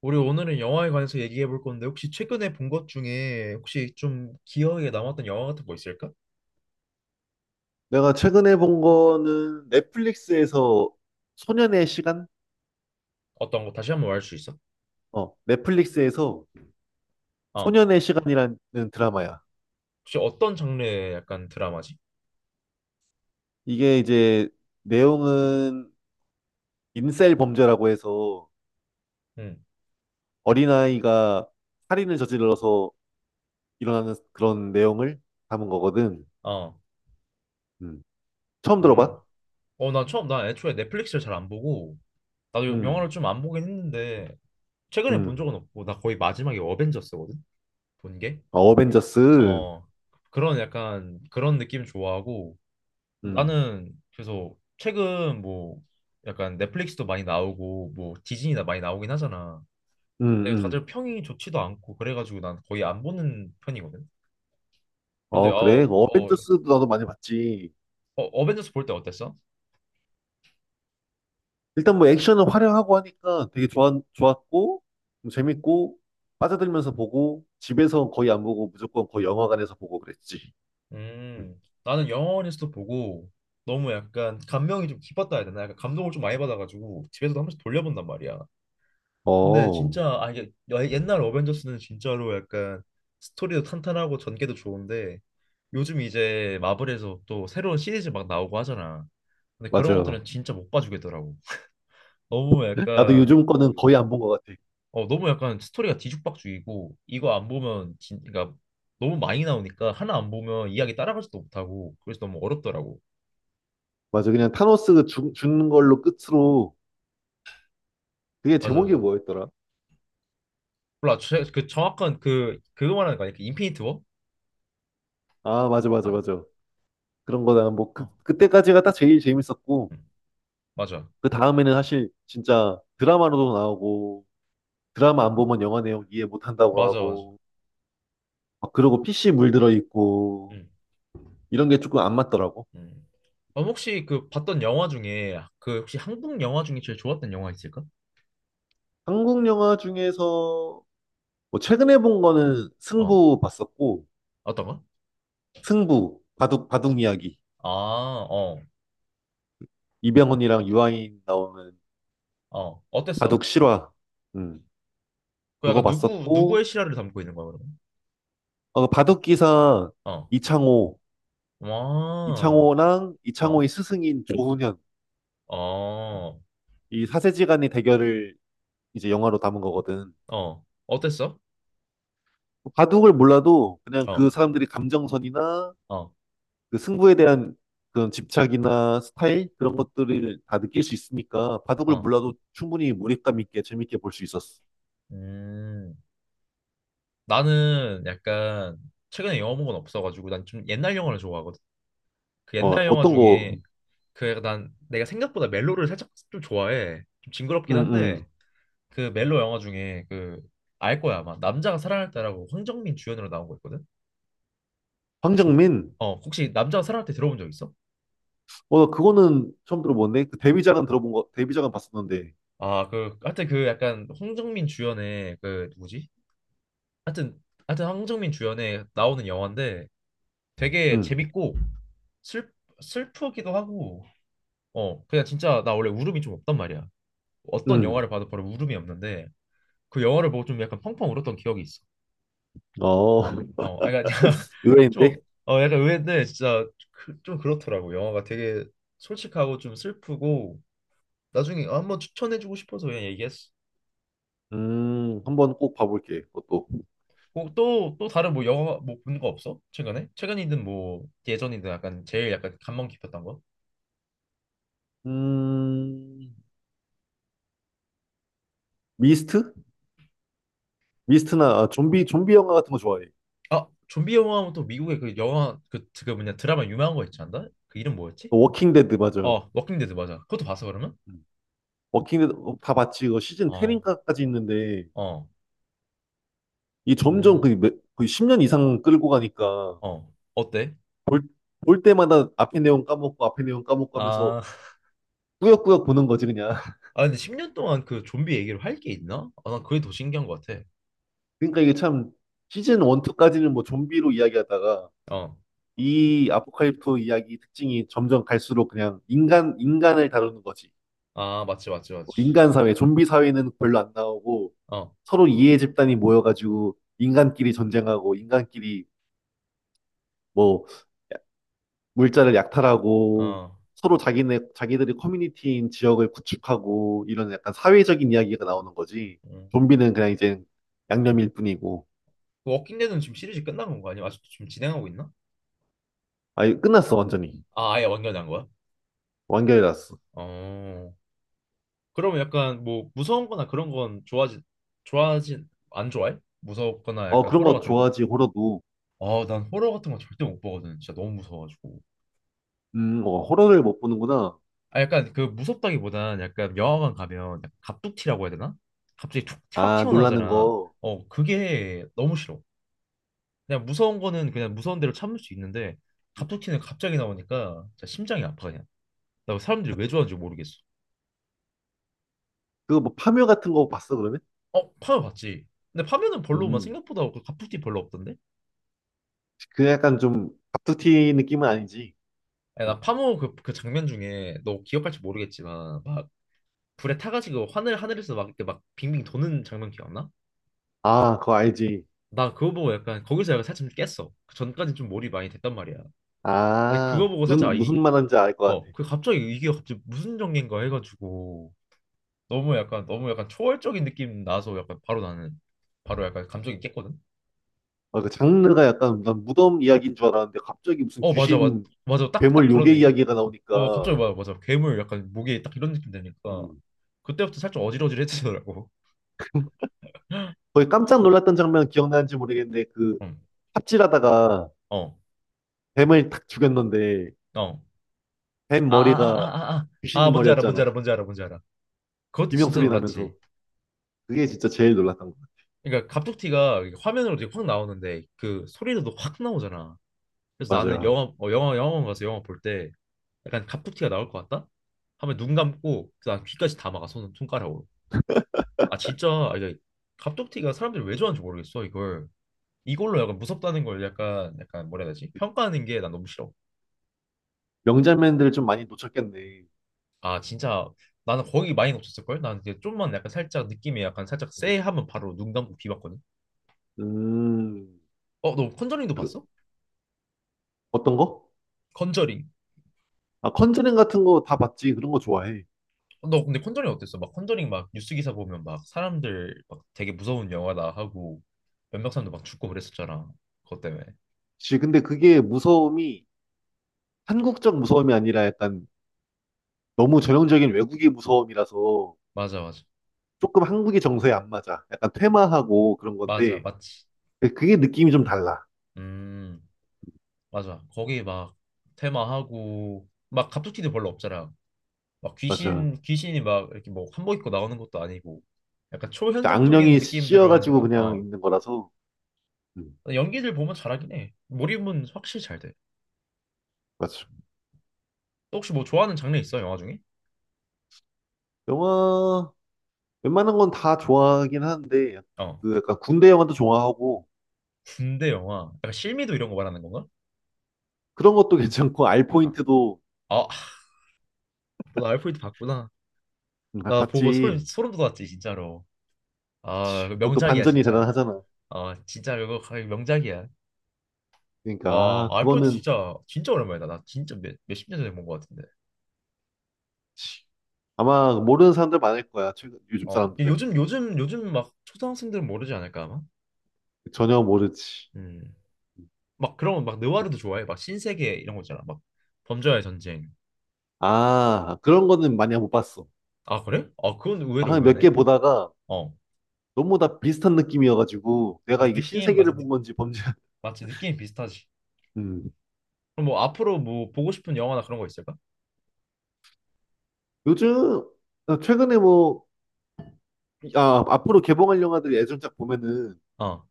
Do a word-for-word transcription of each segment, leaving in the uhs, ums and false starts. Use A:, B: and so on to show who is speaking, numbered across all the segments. A: 우리 오늘은 영화에 관해서 얘기해 볼 건데 혹시 최근에 본 것 중에 혹시 좀 기억에 남았던 영화 같은 거 있을까?
B: 내가 최근에 본 거는 넷플릭스에서 소년의 시간?
A: 어떤 거 다시 한번 말할 수 있어?
B: 어, 넷플릭스에서
A: 어.
B: 소년의 시간이라는 드라마야.
A: 혹시 어떤 장르의 약간 드라마지?
B: 이게 이제 내용은 인셀 범죄라고 해서
A: 응.
B: 어린아이가 살인을 저질러서 일어나는 그런 내용을 담은 거거든.
A: 어.
B: 음. 처음
A: 음.
B: 들어봐?
A: 어, 나 처음 나 애초에 넷플릭스를 잘 안 보고 나도 영화를
B: 음,
A: 좀 안 보긴 했는데 최근에 본
B: 음.
A: 적은 없고 나 거의 마지막에 어벤져스거든. 본 게.
B: 어, 어벤져스. 음,
A: 어. 그런 약간 그런 느낌 좋아하고 나는 그래서 최근 뭐 약간 넷플릭스도 많이 나오고 뭐 디즈니나 많이 나오긴 하잖아.
B: 음,
A: 근데
B: 음.
A: 다들 평이 좋지도 않고 그래가지고 난 거의 안 보는 편이거든. 그런데
B: 어, 그래.
A: 어,
B: 뭐
A: 어,
B: 어벤져스도 나도 많이 봤지.
A: 어 어벤져스 볼 때 어땠어?
B: 일단 뭐 액션은 화려하고 하니까 되게 좋았, 좋았고, 뭐 재밌고, 빠져들면서 보고, 집에서 거의 안 보고 무조건 거의 영화관에서 보고 그랬지. 음.
A: 음, 나는 영화관에서도 보고 너무 약간 감명이 좀 깊었다 해야 되나? 약간 감동을 좀 많이 받아가지고 집에서도 한 번씩 돌려본단 말이야. 근데
B: 어,
A: 진짜 아 이게 여- 옛날 어벤져스는 진짜로 약간 스토리도 탄탄하고 전개도 좋은데 요즘 이제 마블에서 또 새로운 시리즈 막 나오고 하잖아. 근데 그런
B: 맞아.
A: 것들은 진짜 못 봐주겠더라고. 너무
B: 나도
A: 약간
B: 요즘 거는 거의 안 본 것 같아.
A: 어 너무 약간 스토리가 뒤죽박죽이고 이거 안 보면 진 그러니까 너무 많이 나오니까 하나 안 보면 이야기 따라가지도 못하고 그래서 너무 어렵더라고.
B: 맞아. 그냥 타노스 죽, 죽는 걸로 끝으로, 그게
A: 맞아,
B: 제목이
A: 맞아.
B: 뭐였더라?
A: 몰라 제- 그 정확한 그 그거 말하는 거 아니야? 그 인피니티 워?
B: 아, 맞아, 맞아,
A: 아,
B: 맞아. 그런 거다. 뭐, 그,
A: 어,
B: 그때까지가 딱 제일 재밌었고,
A: 응. 맞아,
B: 그 다음에는 사실 진짜 드라마로도 나오고, 드라마 안 보면 영화 내용 이해 못 한다고
A: 맞아, 맞아.
B: 하고, 막 그러고 피시 물들어 있고,
A: 응.
B: 이런 게 조금 안 맞더라고.
A: 음. 그럼 혹시 그 봤던 영화 중에 그 혹시 한국 영화 중에 제일 좋았던 영화 있을까?
B: 한국 영화 중에서 뭐 최근에 본 거는
A: 어,
B: 승부 봤었고,
A: 어떤 거?
B: 승부, 바둑, 바둑 이야기.
A: 아, 어,
B: 이병헌이랑 유아인 나오는
A: 어, 어땠어?
B: 바둑 실화. 음,
A: 그
B: 그거
A: 약간 누구 누구의
B: 봤었고,
A: 실화를 담고 있는 거야 그러면?
B: 어, 바둑 기사
A: 어,
B: 이창호,
A: 와,
B: 이창호랑
A: 어,
B: 이창호의 스승인 조훈현.
A: 어,
B: 이 사세지간의 대결을 이제 영화로 담은 거거든.
A: 어, 어땠어?
B: 바둑을 몰라도 그냥
A: 어,
B: 그 사람들이 감정선이나
A: 어,
B: 그 승부에 대한 그런 집착이나 스타일 그런 것들을 다 느낄 수 있으니까 바둑을
A: 어,
B: 몰라도 충분히 몰입감 있게 재밌게 볼 수 있었어.
A: 음, 나는 약간 최근에 영화 본 건 없어가지고 난 좀 옛날 영화를 좋아하거든. 그
B: 어,
A: 옛날 영화
B: 어떤 거,
A: 중에 그 난 내가 생각보다 멜로를 살짝 좀 좋아해. 좀 징그럽긴 한데.
B: 응응.
A: 그 멜로 영화 중에 그 알 거야 아마 남자가 사랑할 때라고 황정민 주연으로 나온 거 있거든. 혹시 그-
B: 황정민?
A: 어 혹시 남자가 사랑할 때 들어본 적 있어?
B: 어, 그거는 처음 들어보는데 그 데뷔작은 들어본 거, 데뷔작은 봤었는데,
A: 아 그 하여튼 그 약간 황정민 주연의 그 누구지? 하여튼 하여튼 황정민 주연에 나오는 영화인데 되게
B: 응
A: 재밌고 슬 슬프기도 하고 어 그냥 진짜 나 원래 울음이 좀 없단 말이야. 어떤
B: 응
A: 영화를 봐도 바로 울음이 없는데 그 영화를 보고 좀 약간 펑펑 울었던 기억이 있어.
B: 어,
A: 어, 아, 그러니까 좀,
B: 의외인데,
A: 어, 약간 의외인데 진짜 그, 좀 그렇더라고. 영화가 되게 솔직하고 좀 슬프고 나중에 한번 추천해주고 싶어서 그냥 얘기했어.
B: 음, 한번 꼭 봐볼게. 그것도,
A: 뭐 또, 또 다른 뭐 영화 뭐 본 거 없어? 최근에? 최근이든 뭐 예전이든 약간 제일 약간 감명 깊었던 거?
B: 음, 미스트? 미스트나 아, 좀비 좀비 영화 같은 거 좋아해.
A: 아, 좀비 영화 하면 또 미국의 그 영화 그, 그 뭐냐 드라마 유명한 거 있지 않나? 그 이름 뭐였지?
B: 그 워킹 데드 맞아.
A: 어, 워킹 데드 맞아. 그것도 봤어 그러면?
B: 음. 워킹데드 다 봤지. 이거 시즌
A: 어,
B: 십인가까지 있는데
A: 어,
B: 이 점점
A: 음,
B: 그 몇- 거의 십 년 이상 끌고 가니까
A: 어, 어때?
B: 볼, 볼 때마다 앞에 내용 까먹고 앞에 내용 까먹고 하면서
A: 아,
B: 꾸역꾸역 보는 거지 그냥.
A: 아 근데 십 년 동안 그 좀비 얘기를 할 게 있나? 아 난 그게 더 신기한 것 같아.
B: 그러니까 이게 참 시즌 일, 이까지는 뭐 좀비로 이야기하다가
A: 어.
B: 이 아포칼립토 이야기 특징이 점점 갈수록 그냥 인간 인간을 다루는 거지.
A: 아 맞지, 맞지,
B: 뭐
A: 맞지.
B: 인간 사회, 좀비 사회는 별로 안 나오고
A: 어.
B: 서로 이해 집단이 모여가지고 인간끼리 전쟁하고 인간끼리 뭐 물자를 약탈하고
A: 어.
B: 서로 자기네 자기들이 커뮤니티인 지역을 구축하고 이런 약간 사회적인 이야기가 나오는 거지.
A: 음.
B: 좀비는 그냥 이제 양념일 뿐이고.
A: 그 워킹 데드는 지금 시리즈 끝난 건가 아니면 아직도 지금 진행하고 있나?
B: 아, 이거 끝났어 완전히.
A: 아 아예 완결한 거야?
B: 완결이 났어.
A: 어. 그러면 약간 뭐 무서운 거나 그런 건 좋아하지 좋아하지 안 좋아해? 무섭거나
B: 어,
A: 약간
B: 그런
A: 호러
B: 거
A: 같은 거?
B: 좋아하지 호러도.
A: 아 난 호러 같은 거 절대 못 보거든. 진짜 너무 무서워가지고.
B: 음, 어, 호러를 못 보는구나.
A: 아 약간 그 무섭다기보단 약간 영화관 가면 약간 갑툭튀라고 해야 되나? 갑자기 툭 확
B: 아 놀라는
A: 튀어나오잖아.
B: 거.
A: 어 그게 너무 싫어. 그냥 무서운 거는 그냥 무서운 대로 참을 수 있는데
B: 음,
A: 갑툭튀는 갑자기 나오니까 진짜 심장이 아파 그냥. 나 사람들이 왜 좋아하는지 모르겠어.
B: 그거 뭐 파묘 같은 거 봤어 그러면?
A: 어, 파묘 봤지? 근데 파묘는 별로 막
B: 음,
A: 생각보다 그 갑툭튀 별로 없던데?
B: 그 약간 좀 갑툭튀 느낌은 아니지.
A: 야,
B: 음.
A: 나 파묘 그, 그 장면 중에 너 기억할지 모르겠지만 막 불에 타가지고 하늘 하늘에서 막 이렇게 막 빙빙 도는 장면 기억나?
B: 아 그거 알지.
A: 나 그거 보고 약간 거기서 약간 살짝 좀 깼어. 그전까는좀 몰입 많이 됐단 말이야. 근데
B: 아
A: 그거 보고 살짝 아,
B: 무슨
A: 이,
B: 무슨 말하는지 알 것
A: 어,
B: 같아.
A: 그 갑자기 이게 갑자기 무슨 전개인가 해가지고 너무 약간 너무 약간 초월적인 느낌 나서 약간 바로 나는 바로 약간 감정이 깼거든.
B: 아, 그 장르가 약간 난 무덤 이야기인 줄 알았는데 갑자기 무슨
A: 어 맞아 맞
B: 귀신,
A: 맞아 딱 딱
B: 괴물,
A: 그런
B: 요괴
A: 얘기.
B: 이야기가
A: 어
B: 나오니까
A: 갑자기 맞아, 맞아, 괴물 약간 목에 딱 이런 느낌 되니까
B: 음.
A: 그때부터 살짝 어질어질해지더라고.
B: 거의 깜짝 놀랐던 장면 기억나는지 모르겠는데 그
A: 응.
B: 삽질하다가
A: 어.
B: 뱀을 탁 죽였는데
A: 어.
B: 뱀
A: 아아아
B: 머리가
A: 아아 아. 아
B: 귀신
A: 뭔지 알아 뭔지
B: 머리였잖아.
A: 알아 뭔지 알아 뭔지 알아. 그것도
B: 비명
A: 진짜
B: 소리 나면서
A: 놀랐지.
B: 그게 진짜 제일 놀랐던 거
A: 그러니까 갑툭튀가 이게 화면으로 되게 확 나오는데 그 소리도 확 나오잖아. 그래서
B: 같아.
A: 나는
B: 맞아요.
A: 영화 어, 영화 영화관 가서 영화 볼 때 약간 갑툭튀가 나올 것 같다? 하면 눈 감고 그다음 귀까지 다 막아 손 손가락으로. 아 진짜 아, 이게 갑툭튀가 사람들이 왜 좋아하는지 모르겠어 이걸 이걸로 약간 무섭다는 걸 약간 약간 뭐라 해야 되지 평가하는 게 난 너무 싫어
B: 명장면들을 좀 많이 놓쳤겠네.
A: 아 진짜 나는 거기 많이 없었을 걸 나는 이제 좀만 약간 살짝 느낌이 약간 살짝 쎄 하면 바로 눈 감고 비봤거든
B: 음,
A: 어 너 컨저링도
B: 그,
A: 봤어?
B: 어떤 거?
A: 컨저링
B: 아, 컨저링 같은 거 다 봤지. 그런 거 좋아해.
A: 어, 너 근데 컨저링 어땠어? 막 컨저링 막 뉴스 기사 보면 막 사람들 막 되게 무서운 영화다 하고 몇몇 사람도 막 죽고 그랬었잖아 그것 때문에
B: 지 근데 그게 무서움이 한국적 무서움이 아니라 약간 너무 전형적인 외국의 무서움이라서
A: 맞아, 맞아,
B: 조금 한국의 정서에 안 맞아. 약간 퇴마하고 그런
A: 맞아,
B: 건데
A: 맞지
B: 그게 느낌이 좀 달라.
A: 음. 맞아. 거기 막 테마하고 막 갑툭튀도 별로 없잖아. 막
B: 맞아.
A: 귀신 귀신이 막 이렇게 뭐 한복 입고 나오는 것도 아니고 약간 초현상적인
B: 악령이
A: 느낌들로
B: 씌어가지고
A: 하니까
B: 그냥
A: 어
B: 있는 거라서 음,
A: 연기들 보면 잘하긴 해. 몰입은 확실히 잘 돼.
B: 맞아.
A: 또 혹시 뭐 좋아하는 장르 있어 영화 중에?
B: 영화 웬만한 건 다 좋아하긴 하는데
A: 어
B: 그 약간 군대 영화도 좋아하고
A: 군대 영화. 약간 실미도 이런 거 말하는 건가?
B: 그런 것도 괜찮고 알
A: 아,
B: 포인트도
A: 아, 너 알프레드 봤구나.
B: 음, 아,
A: 나 보고 소름
B: 봤지.
A: 소름 돋았지 진짜로. 아
B: 그것도
A: 명작이야
B: 반전이
A: 진짜.
B: 대단하잖아.
A: 아 진짜 이거 거의 명작이야.
B: 그러니까
A: 와,
B: 아,
A: 알프레토
B: 그거는
A: 진짜 진짜 오랜만이다. 나 진짜 몇, 몇십 년 전에 본 것 같은데.
B: 아마 모르는 사람들 많을 거야. 최근 요즘
A: 어, 이
B: 사람들은
A: 요즘 요즘 요즘 막 초등학생들은 모르지 않을까 아마.
B: 전혀 모르지.
A: 음. 막 그런 막 느와르도 좋아해. 막 신세계 이런 거 있잖아. 막 범죄와의 전쟁.
B: 아, 그런 거는 많이 못 봤어.
A: 아, 그래? 아, 그건 의외로
B: 한 몇
A: 의외네.
B: 개 보다가
A: 어.
B: 너무 다 비슷한 느낌이어가지고 내가
A: 맞아,
B: 이게
A: 느낌 맞아.
B: 신세계를
A: 느,
B: 본 건지 범죄.
A: 맞지. 느낌 비슷하지.
B: 음.
A: 그럼 뭐 앞으로 뭐 보고 싶은 영화나 그런 거 있을까?
B: 요즘 아, 최근에 뭐 아, 앞으로 개봉할 영화들이 예전작 보면은
A: 어.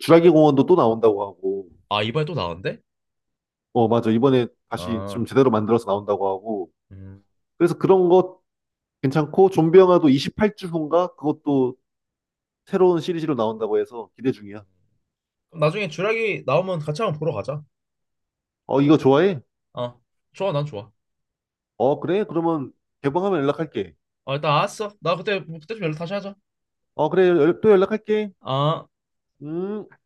B: 주라기 공원도 또 나온다고 하고
A: 아, 이번에 또 나온대?
B: 어 맞아 이번에 다시 좀
A: 아.
B: 제대로 만들어서 나온다고 하고
A: 음.
B: 그래서 그런 것 괜찮고 좀비 영화도 이십팔 주 후인가 그것도 새로운 시리즈로 나온다고 해서 기대 중이야.
A: 그럼 나중에 주라기 나오면 같이 한번 보러 가자.
B: 어 이거 좋아해?
A: 어. 좋아. 난 좋아.
B: 어 그래? 그러면 개봉하면 연락할게.
A: 아, 일단 알았어. 나 그때 그때 좀 연락 다시 하자.
B: 어 그래 연- 또 연락할게.
A: 아.
B: 음.